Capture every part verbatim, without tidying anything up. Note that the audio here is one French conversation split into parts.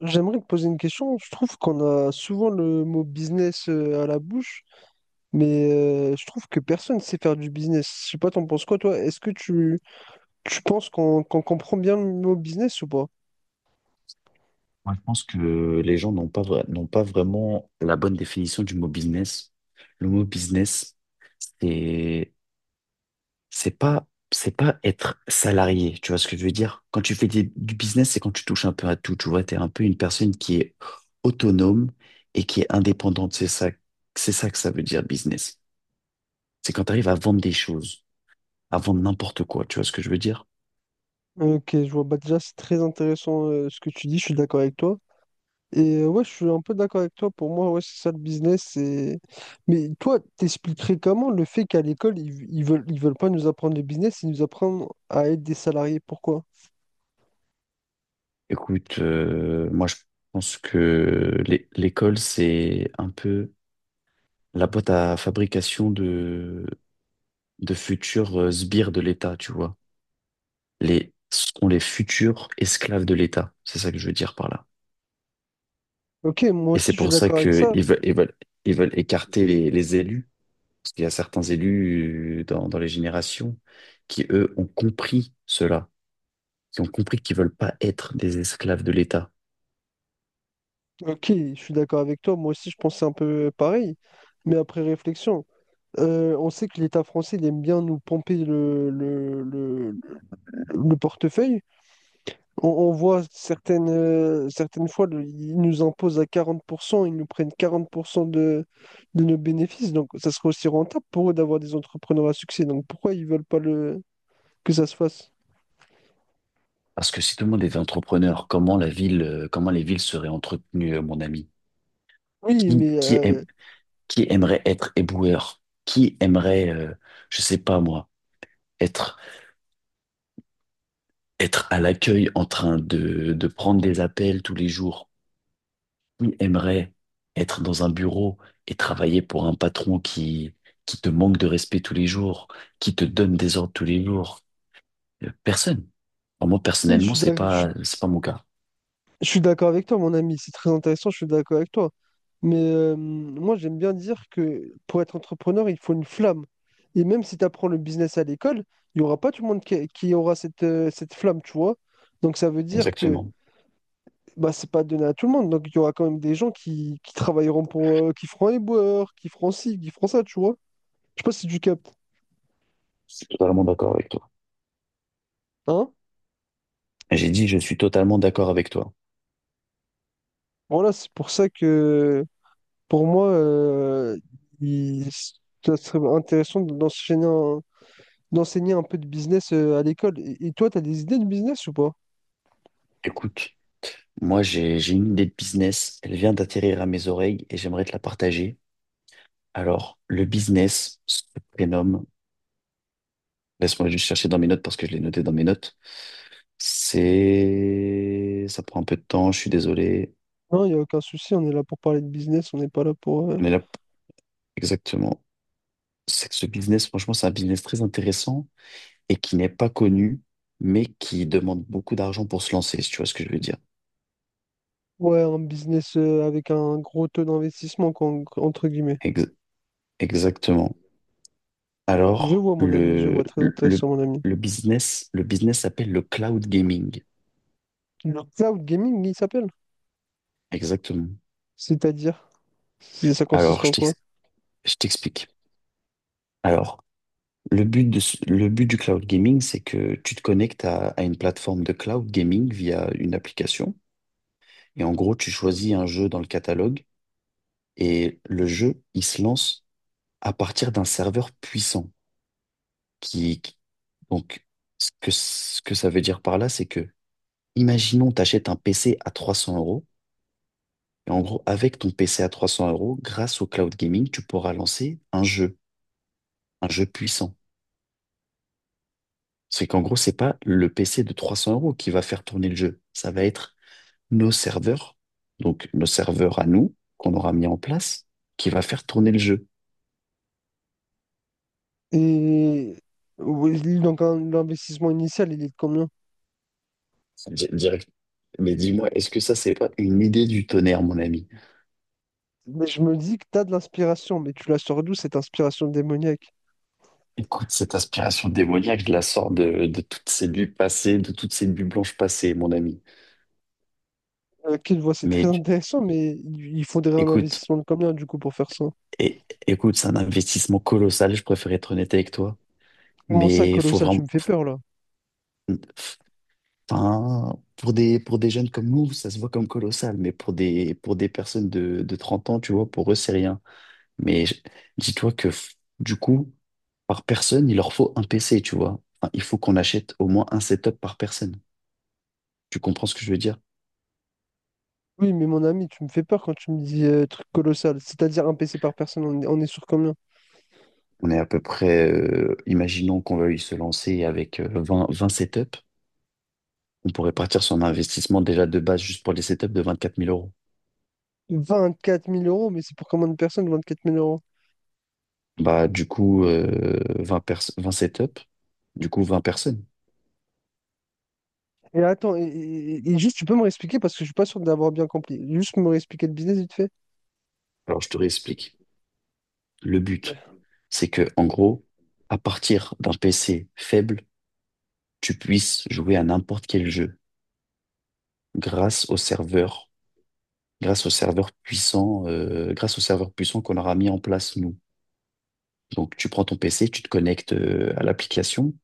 J'aimerais te poser une question. Je trouve qu'on a souvent le mot business euh, à la bouche, mais euh, je trouve que personne sait faire du business. Je sais pas, t'en penses quoi, toi? Est-ce que tu, tu penses qu'on qu'on comprend bien le mot business ou pas? Moi, je pense que les gens n'ont pas, vra- n'ont pas vraiment la bonne définition du mot business. Le mot business, c'est, c'est pas, c'est pas être salarié. Tu vois ce que je veux dire? Quand tu fais des- du business, c'est quand tu touches un peu à tout. Tu vois, t'es un peu une personne qui est autonome et qui est indépendante. C'est ça, c'est ça que ça veut dire business. C'est quand tu arrives à vendre des choses, à vendre n'importe quoi. Tu vois ce que je veux dire? Ok, je vois. Bah, déjà, c'est très intéressant euh, ce que tu dis. Je suis d'accord avec toi. Et euh, ouais, je suis un peu d'accord avec toi. Pour moi, ouais, c'est ça le business. c'est- Mais toi, t'expliquerais comment le fait qu'à l'école, ils, ils veulent, ils veulent pas nous apprendre le business, ils nous apprennent à être des salariés. Pourquoi? Écoute, euh, moi, je pense que l'é- l'école, c'est un peu la boîte à fabrication de, de futurs euh, sbires de l'État, tu vois. Les, sont les futurs esclaves de l'État. C'est ça que je veux dire par là. Ok, moi Et c'est aussi je suis pour ça d'accord avec ça. qu'ils veulent, ils veulent, ils veulent écarter les, les élus. Parce qu'il y a certains élus euh, dans, dans les générations qui, eux, ont compris cela, qui ont compris qu'ils veulent pas être des esclaves de l'État. Ok, je suis d'accord avec toi. Moi aussi je pensais un peu pareil. Mais après réflexion, euh, on sait que l'État français il aime bien nous pomper le, le, le, le portefeuille. On, on voit certaines, euh, certaines fois, le- ils nous imposent à quarante pour cent, ils nous prennent quarante pour cent de, de nos bénéfices. Donc, ça serait aussi rentable pour eux d'avoir des entrepreneurs à succès. Donc, pourquoi ils veulent pas le, que ça se fasse? Parce que si tout le monde était entrepreneur, comment la ville, euh, comment les villes seraient entretenues, euh, mon ami? Oui, Qui, mais qui euh, Qui aimerait être éboueur? Qui aimerait, euh, je sais pas moi, être, être à l'accueil en train de, de prendre des appels tous les jours? Qui aimerait être dans un bureau et travailler pour un patron qui, qui te manque de respect tous les jours, qui te donne des ordres tous les jours. Euh, Personne. Enfin, moi, oui, je personnellement, suis c'est d'ac- je pas, suis c'est pas mon cas. je suis d'accord avec toi, mon ami. C'est très intéressant, je suis d'accord avec toi. Mais euh, moi, j'aime bien dire que pour être entrepreneur, il faut une flamme. Et même si tu apprends le business à l'école, il n'y aura pas tout le monde qui, qui aura cette, euh, cette flamme, tu vois. Donc, ça veut dire que Exactement. bah, c'est pas donné à tout le monde. Donc, il y aura quand même des gens qui, qui travailleront pour, euh, qui feront les boueurs, qui feront ci, qui feront ça, tu vois. Je sais pas si tu captes, Je suis totalement d'accord avec toi. hein? J'ai dit, je suis totalement d'accord avec toi. Voilà, c'est pour ça que, pour moi, euh, il- ça serait intéressant d'enseigner un, d'enseigner un peu de business euh, à l'école. Et, et toi, t'as des idées de business ou pas? Écoute, moi, j'ai, j'ai une idée de business. Elle vient d'atterrir à mes oreilles et j'aimerais te la partager. Alors, le business se prénomme, laisse-moi juste chercher dans mes notes parce que je l'ai noté dans mes notes. C'est... Ça prend un peu de temps, je suis désolé. Non, il n'y a aucun souci, on est là pour parler de business, on n'est pas là pour, euh, Mais là, exactement. C'est que ce business, franchement, c'est un business très intéressant et qui n'est pas connu, mais qui demande beaucoup d'argent pour se lancer, si tu vois ce que je veux dire. ouais, un business euh, avec un gros taux d'investissement, quoi, en- entre guillemets. Ex- Exactement. Je Alors, vois, mon ami, je le, vois, très le, intéressant, le mon ami. le business, le business s'appelle le cloud gaming. Le cloud gaming, il s'appelle? Exactement. C'est-à-dire? C'est- Ça consiste Alors, je en quoi? t'ex- je t'explique. Alors, le but de ce- le but du cloud gaming, c'est que tu te connectes à, à une plateforme de cloud gaming via une application. Et en gros, tu choisis un jeu dans le catalogue et le jeu, il se lance à partir d'un serveur puissant. Qui, qui- donc, ce que, ce que ça veut dire par là, c'est que, imaginons, t'achètes un P C à trois cents euros. Et en gros, avec ton P C à trois cents euros, grâce au cloud gaming, tu pourras lancer un jeu, un jeu puissant. C'est qu'en gros, c'est pas le P C de trois cents euros qui va faire tourner le jeu. Ça va être nos serveurs, donc nos serveurs à nous, qu'on aura mis en place, qui va faire tourner le jeu. Et oui, donc un- l'investissement initial, il est de combien? Di- direct- Mais dis-moi, est-ce que ça, c'est pas une idée du tonnerre, mon ami? Mais je me dis que tu as de l'inspiration, mais tu la sors d'où cette inspiration démoniaque? Écoute, cette aspiration démoniaque, je la sors de, de toutes ces nuits passées, de toutes ces nuits blanches passées, mon ami. Ok, je voix c'est Mais très tu- intéressant, mais il il faudrait un Écoute, investissement de combien du coup pour faire ça? é- écoute, c'est un investissement colossal, je préfère être honnête avec toi. Comment ça, Mais il faut colossal, tu me vraiment. fais peur là? Enfin, pour des, pour des jeunes comme nous, ça se voit comme colossal, mais pour des, pour des personnes de, de trente ans, tu vois, pour eux, c'est rien. Mais je- Dis-toi que f- du coup, par personne, il leur faut un P C, tu vois. Enfin, il faut qu'on achète au moins un setup par personne. Tu comprends ce que je veux dire? Oui, mais mon ami, tu me fais peur quand tu me dis euh, truc colossal. C'est-à-dire un P C par personne, on est, on est sur combien? On est à peu près, euh, imaginons qu'on veuille se lancer avec euh, vingt vingt setups. On pourrait partir sur un investissement déjà de base juste pour les setups de vingt-quatre mille euros. Vingt-quatre mille euros, mais c'est pour combien de personnes, vingt-quatre mille euros? Bah, du coup, euh, vingt, pers- vingt setups, du coup vingt personnes. Et attends, et, et- et juste, tu peux me réexpliquer parce que je suis pas sûr d'avoir bien compris. Juste me réexpliquer le business vite fait. Alors, je te réexplique. Le but, c'est que, en gros, à partir d'un P C faible, tu puisses jouer à n'importe quel jeu. grâce au serveur, grâce au serveur puissant, euh, grâce au serveur puissant qu'on aura mis en place nous. Donc tu prends ton P C, tu te connectes euh, à l'application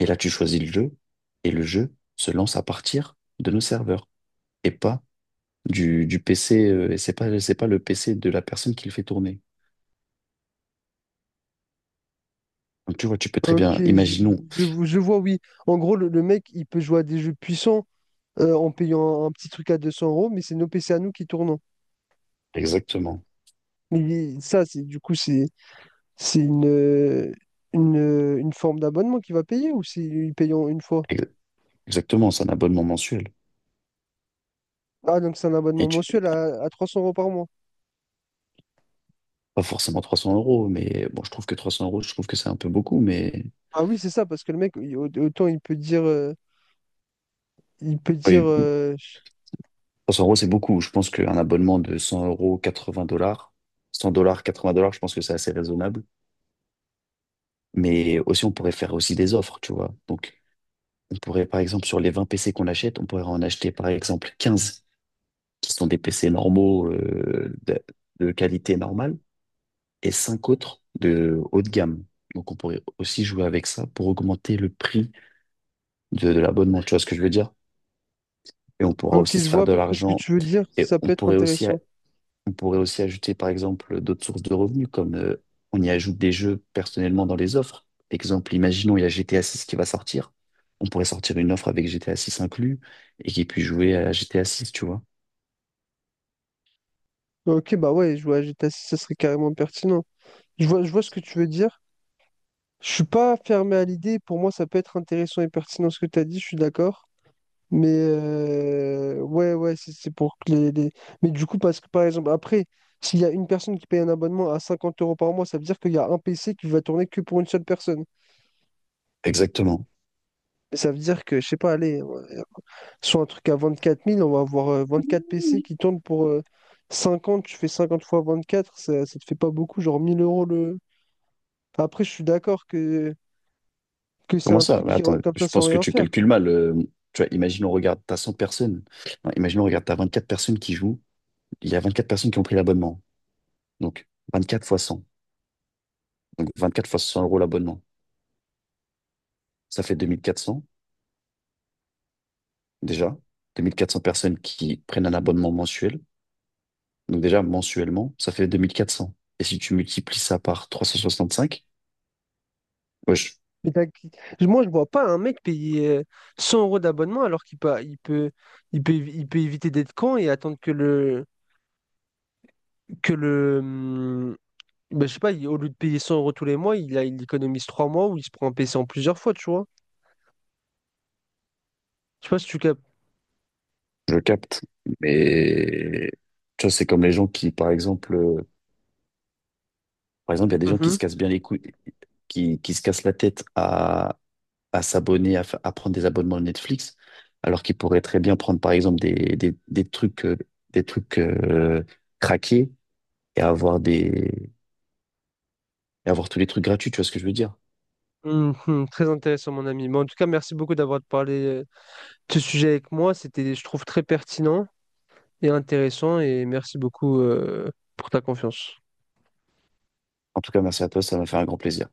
et là tu choisis le jeu et le jeu se lance à partir de nos serveurs et pas du, du P C. Euh, et c'est pas c'est pas le P C de la personne qui le fait tourner. Donc tu vois, tu peux très Ok, bien, je, imaginons je, vo- je vois, oui. En gros, le, le mec, il peut jouer à des jeux puissants euh, en payant un, un petit truc à deux cents euros, mais c'est nos P C à nous qui tournent. exactement, Mais il- ça, c'est du coup, c'est c'est une, euh, une, euh, une forme d'abonnement qu'il va payer ou c'est il paye en une fois? ex- exactement, c'est un abonnement mensuel. Ah, donc c'est un Et abonnement tu, mensuel à, à trois cents euros par mois. Pas forcément trois cents euros, mais bon, je trouve que trois cents euros, je trouve que c'est un peu beaucoup, mais Ah oui, c'est ça, parce que le mec, il- au- autant il peut dire, euh, il peut dire, oui, euh, trois cents euros, c'est beaucoup. Je pense qu'un abonnement de cent euros, quatre-vingts dollars, cent dollars, quatre-vingts dollars, je pense que c'est assez raisonnable. Mais aussi, on pourrait faire aussi des offres, tu vois. Donc, on pourrait, par exemple, sur les vingt P C qu'on achète, on pourrait en acheter, par exemple, quinze qui sont des P C normaux, euh, de, de qualité normale, et cinq autres de haut de gamme. Donc, on pourrait aussi jouer avec ça pour augmenter le prix de, de l'abonnement, tu vois ce que je veux dire? Et on pourra ok, aussi se je vois faire à de peu près ce que l'argent. tu veux dire, Et ça on peut être pourrait aussi intéressant. On pourrait aussi ajouter, par exemple, d'autres sources de revenus, comme euh, on y ajoute des jeux personnellement dans les offres. Exemple, imaginons, il y a G T A six qui va sortir. On pourrait sortir une offre avec G T A six inclus et qui puisse jouer à G T A six, tu vois. Ok, bah ouais, jouer à G T A six, ça serait carrément pertinent. Je vois, je vois ce que tu veux dire. Je suis pas fermé à l'idée. Pour moi, ça peut être intéressant et pertinent ce que tu as dit, je suis d'accord. Mais euh, ouais, ouais, c'est c'est pour que les, les- Mais du coup, parce que par exemple, après, s'il y a une personne qui paye un abonnement à cinquante euros par mois, ça veut dire qu'il y a un P C qui va tourner que pour une seule personne. Exactement. Mais ça veut dire que, je sais pas, allez. Soit un truc à vingt-quatre mille, on va avoir euh, vingt-quatre P C qui tournent pour euh, cinquante. Tu fais cinquante fois vingt-quatre, ça, ça te fait pas beaucoup, genre mille euros le. Après, je suis d'accord que, que c'est Comment un ça? truc Mais qui attends, rentre comme ça je sans pense que rien tu faire. calcules mal. Euh, tu vois, imagine, on regarde, t'as cent personnes. Non, imagine, on regarde, t'as vingt-quatre personnes qui jouent. Il y a vingt-quatre personnes qui ont pris l'abonnement. Donc, vingt-quatre fois cent. Donc, vingt-quatre fois cent euros l'abonnement. Ça fait deux mille quatre cents, déjà. deux mille quatre cents personnes qui prennent un abonnement mensuel. Donc déjà, mensuellement, ça fait deux mille quatre cents. Et si tu multiplies ça par trois cent soixante-cinq, ouais, je, Mais t'as- Moi, je vois pas un mec payer euh, cent euros d'abonnement alors qu'il peut, il peut, il peut, il peut éviter d'être con et attendre que le, que le, hum, ben, je sais pas, il- au lieu de payer cent euros tous les mois, il, a- il économise trois mois ou il se prend un P C en plusieurs fois, tu vois. Je sais pas si tu captes. je capte. Mais tu vois, c'est comme les gens qui, par exemple, euh, par exemple, il y a des gens qui Mhm. se cassent bien les couilles, qui, qui se cassent la tête à, à s'abonner, à, fa- à prendre des abonnements Netflix, alors qu'ils pourraient très bien prendre, par exemple, des, des, des trucs, euh, des trucs euh, craqués et avoir des, et avoir tous les trucs gratuits, tu vois ce que je veux dire? Mhm. Très intéressant, mon ami. Mais en tout cas, merci beaucoup d'avoir parlé euh, de ce sujet avec moi. C'était, je trouve, très pertinent et intéressant. Et merci beaucoup, euh, pour ta confiance. En tout cas, merci à toi, ça m'a fait un grand plaisir.